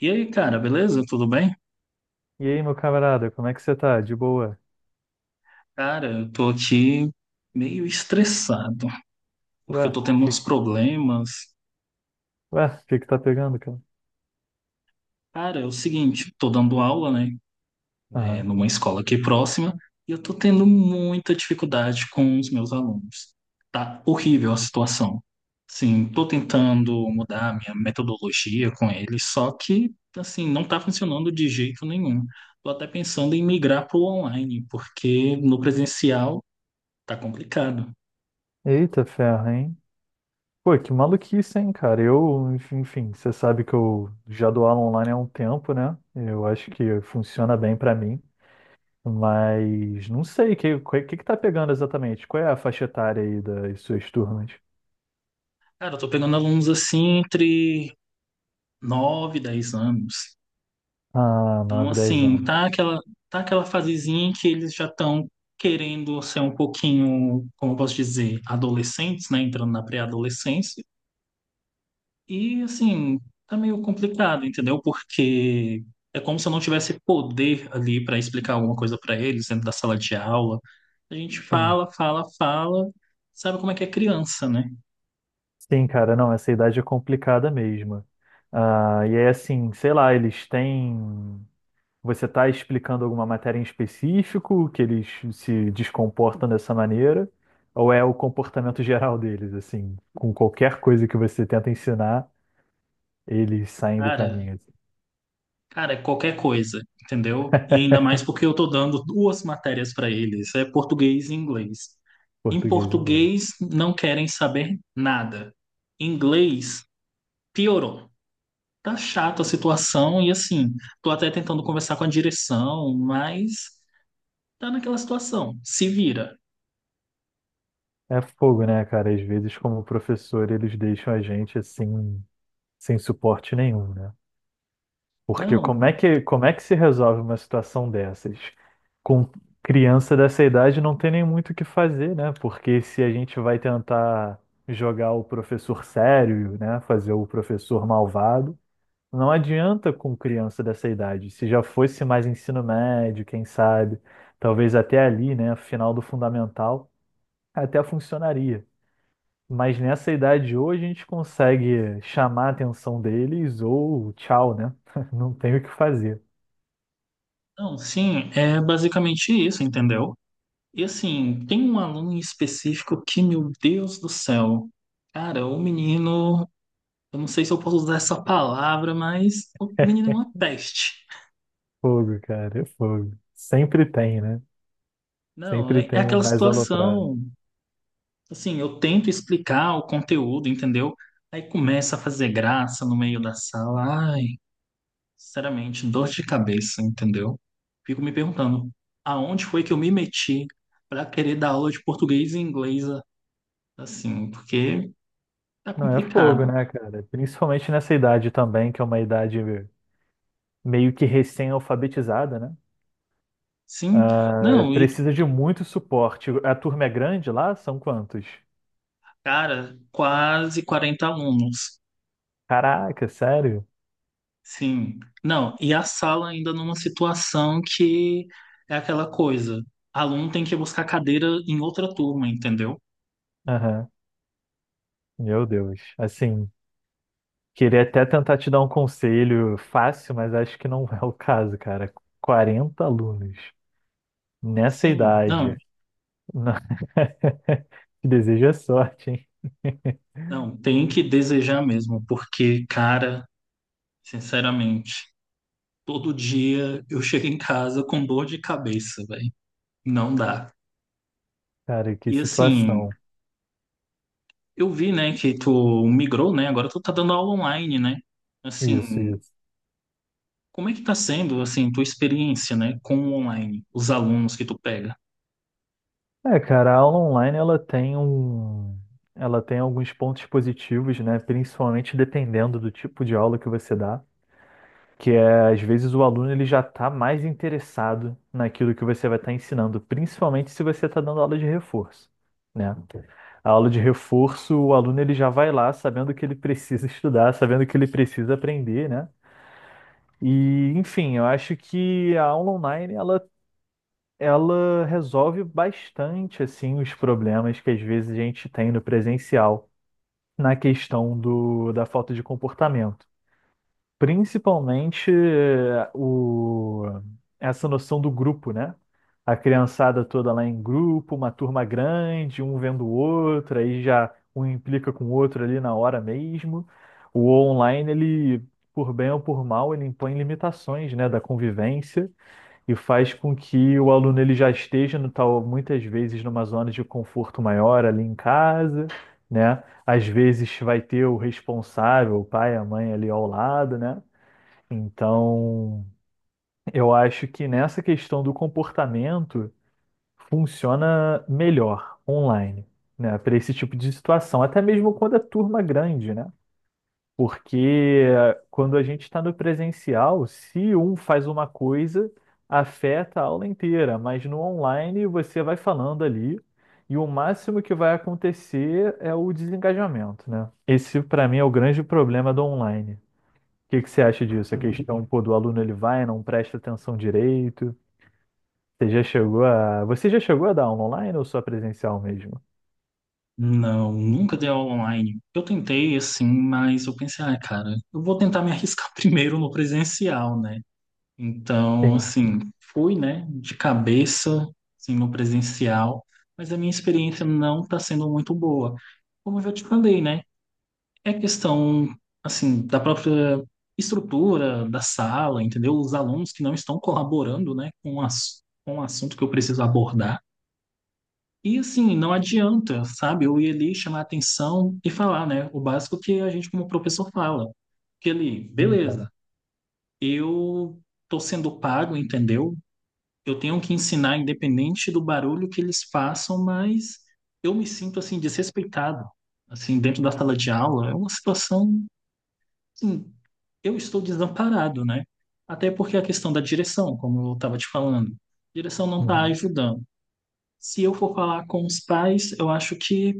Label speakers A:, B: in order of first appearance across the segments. A: E aí, cara, beleza? Tudo bem?
B: E aí, meu camarada, como é que você tá? De boa?
A: Cara, eu tô aqui meio estressado, porque eu
B: Ué,
A: tô tendo
B: que,
A: uns problemas.
B: que tá pegando, cara?
A: Cara, é o seguinte, tô dando aula, né,
B: Aham.
A: numa escola aqui próxima, e eu tô tendo muita dificuldade com os meus alunos. Tá horrível a situação. Sim, tô tentando mudar a minha metodologia com eles, só que, assim, não tá funcionando de jeito nenhum. Tô até pensando em migrar pro online, porque no presencial tá complicado.
B: Eita ferro, hein? Pô, que maluquice, hein, cara? Enfim, você sabe que eu já dou aula online há um tempo, né? Eu acho que funciona bem pra mim, mas não sei, o que que tá pegando exatamente? Qual é a faixa etária aí das suas turmas?
A: Cara, eu tô pegando alunos assim entre 9 e 10 anos.
B: Ah,
A: Então,
B: nove dez
A: assim,
B: anos.
A: tá aquela fasezinha em que eles já estão querendo ser um pouquinho, como eu posso dizer, adolescentes, né? Entrando na pré-adolescência. E, assim, tá meio complicado, entendeu? Porque é como se eu não tivesse poder ali para explicar alguma coisa para eles dentro da sala de aula. A gente
B: Sim,
A: fala, fala, fala, sabe como é que é criança, né?
B: sim, cara, não, essa idade é complicada mesmo. Ah, e é assim, sei lá, eles têm. Você está explicando alguma matéria em específico que eles se descomportam dessa maneira? Ou é o comportamento geral deles, assim, com qualquer coisa que você tenta ensinar, eles saem do
A: Cara,
B: caminho? Assim?
A: Cara, é qualquer coisa, entendeu? E ainda mais porque eu tô dando duas matérias para eles, é português e inglês. Em
B: Português e inglês.
A: português não querem saber nada. Em inglês piorou. Tá chata a situação e assim, tô até tentando conversar com a direção, mas tá naquela situação. Se vira.
B: É fogo, né, cara? Às vezes, como professor, eles deixam a gente assim, sem suporte nenhum, né? Porque
A: Não,
B: como é que se resolve uma situação dessas? Com criança dessa idade não tem nem muito o que fazer, né? Porque se a gente vai tentar jogar o professor sério, né? Fazer o professor malvado, não adianta com criança dessa idade. Se já fosse mais ensino médio, quem sabe, talvez até ali, né? Final do fundamental, até funcionaria. Mas nessa idade hoje a gente consegue chamar a atenção deles ou tchau, né? Não tem o que fazer.
A: não, sim, é basicamente isso, entendeu? E assim, tem um aluno em específico que, meu Deus do céu, cara, o menino. Eu não sei se eu posso usar essa palavra, mas o menino é uma peste.
B: Fogo, cara, é fogo. Sempre tem, né?
A: Não,
B: Sempre
A: é
B: tem um
A: aquela
B: mais aloprado.
A: situação. Assim, eu tento explicar o conteúdo, entendeu? Aí começa a fazer graça no meio da sala. Ai, sinceramente, dor de cabeça, entendeu? Fico me perguntando, aonde foi que eu me meti para querer dar aula de português e inglês assim? Porque tá
B: Não, é fogo,
A: complicado.
B: né, cara? Principalmente nessa idade também, que é uma idade meio que recém-alfabetizada, né?
A: Sim,
B: Ah,
A: não, e
B: precisa de muito suporte. A turma é grande lá? São quantos?
A: cara, quase 40 alunos.
B: Caraca, sério?
A: Sim. Não, e a sala ainda numa situação que é aquela coisa. Aluno tem que buscar cadeira em outra turma, entendeu?
B: Aham. Meu Deus. Assim, queria até tentar te dar um conselho fácil, mas acho que não é o caso, cara. 40 alunos nessa
A: Sim, não,
B: idade. Não. Te desejo a sorte, hein?
A: não, tem que desejar mesmo, porque, cara, sinceramente, todo dia eu chego em casa com dor de cabeça, velho. Não dá.
B: Cara, que
A: E assim,
B: situação.
A: eu vi, né, que tu migrou, né? Agora tu tá dando aula online, né?
B: Isso,
A: Assim,
B: isso.
A: como é que tá sendo, assim, tua experiência, né, com o online, os alunos que tu pega?
B: É, cara, a aula online ela tem alguns pontos positivos, né? Principalmente dependendo do tipo de aula que você dá, que é às vezes o aluno ele já está mais interessado naquilo que você vai estar ensinando, principalmente se você está dando aula de reforço, né? Ok. A aula de reforço, o aluno ele já vai lá sabendo que ele precisa estudar, sabendo que ele precisa aprender, né? E, enfim, eu acho que a aula online ela resolve bastante assim os problemas que às vezes a gente tem no presencial na questão da falta de comportamento. Principalmente essa noção do grupo, né? A criançada toda lá em grupo, uma turma grande, um vendo o outro, aí já um implica com o outro ali na hora mesmo. O online, ele, por bem ou por mal, ele impõe limitações, né, da convivência e faz com que o aluno ele já esteja no tal, muitas vezes numa zona de conforto maior ali em casa, né? Às vezes vai ter o responsável, o pai, a mãe ali ao lado, né? Então, eu acho que nessa questão do comportamento funciona melhor online, né, para esse tipo de situação, até mesmo quando é turma grande, né? Porque quando a gente está no presencial, se um faz uma coisa, afeta a aula inteira, mas no online você vai falando ali e o máximo que vai acontecer é o desengajamento, né? Esse, para mim, é o grande problema do online. O que que você acha disso? A questão, pô, do aluno ele vai, não presta atenção direito. Você já chegou a. Você já chegou a dar aula online ou só presencial mesmo?
A: Não, nunca dei aula online. Eu tentei, assim, mas eu pensei, ah, cara, eu vou tentar me arriscar primeiro no presencial, né? Então,
B: Sim,
A: assim, fui, né, de cabeça, assim, no presencial, mas a minha experiência não está sendo muito boa. Como eu já te falei, né? É questão, assim, da própria estrutura da sala, entendeu? Os alunos que não estão colaborando, né, com o assunto que eu preciso abordar. E assim, não adianta, sabe? Eu ia ali chamar atenção e falar, né? O básico que a gente, como professor, fala. Que ali,
B: sim,
A: beleza,
B: cara.
A: eu tô sendo pago, entendeu? Eu tenho que ensinar, independente do barulho que eles façam, mas eu me sinto, assim, desrespeitado. Assim, dentro da sala de aula, é uma situação, assim, eu estou desamparado, né? Até porque a questão da direção, como eu estava te falando, a direção não está
B: Uhum.
A: ajudando. Se eu for falar com os pais, eu acho que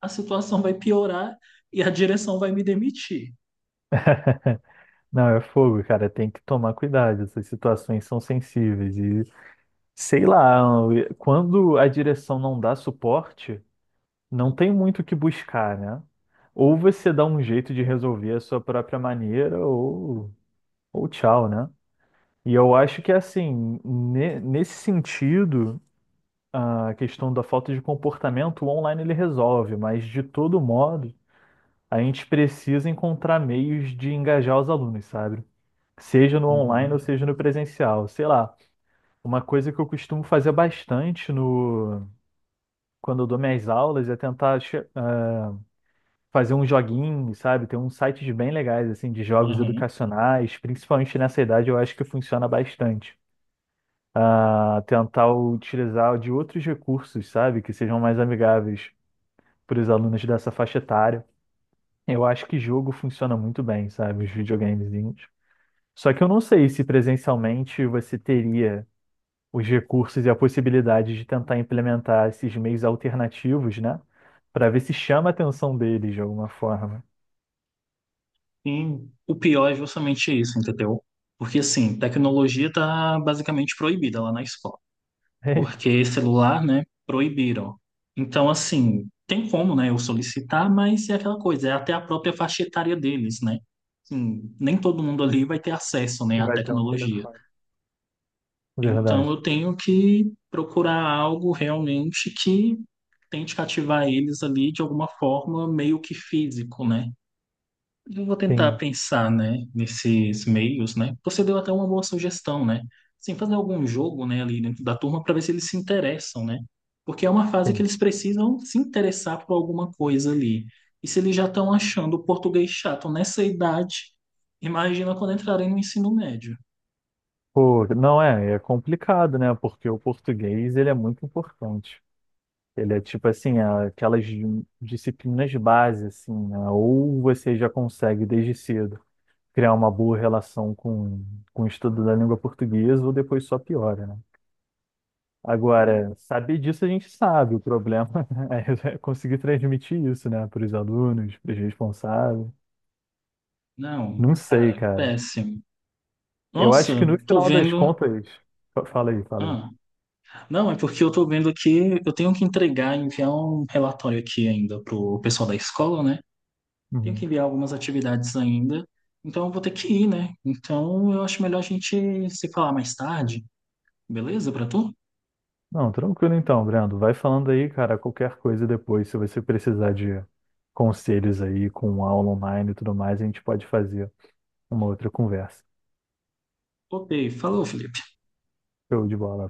A: a situação vai piorar e a direção vai me demitir.
B: Não, é fogo, cara. Tem que tomar cuidado. Essas situações são sensíveis. E sei lá, quando a direção não dá suporte, não tem muito o que buscar, né? Ou você dá um jeito de resolver a sua própria maneira, ou tchau, né? E eu acho que assim, nesse sentido. A questão da falta de comportamento, o online ele resolve, mas de todo modo, a gente precisa encontrar meios de engajar os alunos, sabe? Seja no online ou
A: Uhum.
B: seja no presencial. Sei lá, uma coisa que eu costumo fazer bastante no quando eu dou minhas aulas é tentar fazer um joguinho, sabe? Tem uns sites bem legais assim de jogos
A: Aham.
B: educacionais, principalmente nessa idade, eu acho que funciona bastante. Ah, tentar utilizar de outros recursos, sabe? Que sejam mais amigáveis para os alunos dessa faixa etária. Eu acho que jogo funciona muito bem, sabe? Os videogamezinhos. Só que eu não sei se presencialmente você teria os recursos e a possibilidade de tentar implementar esses meios alternativos, né? Para ver se chama a atenção deles de alguma forma.
A: E o pior é justamente isso, entendeu? Porque, assim, tecnologia tá basicamente proibida lá na escola.
B: Eita,
A: Porque celular, né, proibiram. Então, assim, tem como, né, eu solicitar, mas é aquela coisa, é até a própria faixa etária deles, né? Assim, nem todo mundo ali vai ter acesso, né, à
B: vai ter um
A: tecnologia.
B: telefone.
A: Então
B: Verdade.
A: eu tenho que procurar algo realmente que tente cativar eles ali de alguma forma, meio que físico, né? Eu vou tentar
B: Sim,
A: pensar, né, nesses meios, né? Você deu até uma boa sugestão, né? Sim, fazer algum jogo, né, ali dentro da turma para ver se eles se interessam, né? Porque é uma fase que
B: sim.
A: eles precisam se interessar por alguma coisa ali. E se eles já estão achando o português chato nessa idade, imagina quando entrarem no ensino médio.
B: Pô, não é, é complicado, né? Porque o português ele é muito importante. Ele é tipo assim, aquelas disciplinas base, assim, né? Ou você já consegue desde cedo criar uma boa relação com o estudo da língua portuguesa, ou depois só piora, né? Agora, saber disso a gente sabe, o problema é conseguir transmitir isso, né, para os alunos, para os responsáveis.
A: Não,
B: Não sei,
A: cara,
B: cara.
A: péssimo.
B: Eu acho
A: Nossa,
B: que no
A: tô
B: final das
A: vendo.
B: contas. Fala aí, fala aí.
A: Ah, não, é porque eu tô vendo aqui, eu tenho que entregar, enviar um relatório aqui ainda pro pessoal da escola, né? Tenho que
B: Uhum.
A: enviar algumas atividades ainda, então eu vou ter que ir, né? Então eu acho melhor a gente se falar mais tarde, beleza pra tu?
B: Não, tranquilo então, Brando. Vai falando aí, cara, qualquer coisa depois, se você precisar de conselhos aí com aula online e tudo mais, a gente pode fazer uma outra conversa.
A: Ok, falou, Felipe.
B: Show de bola.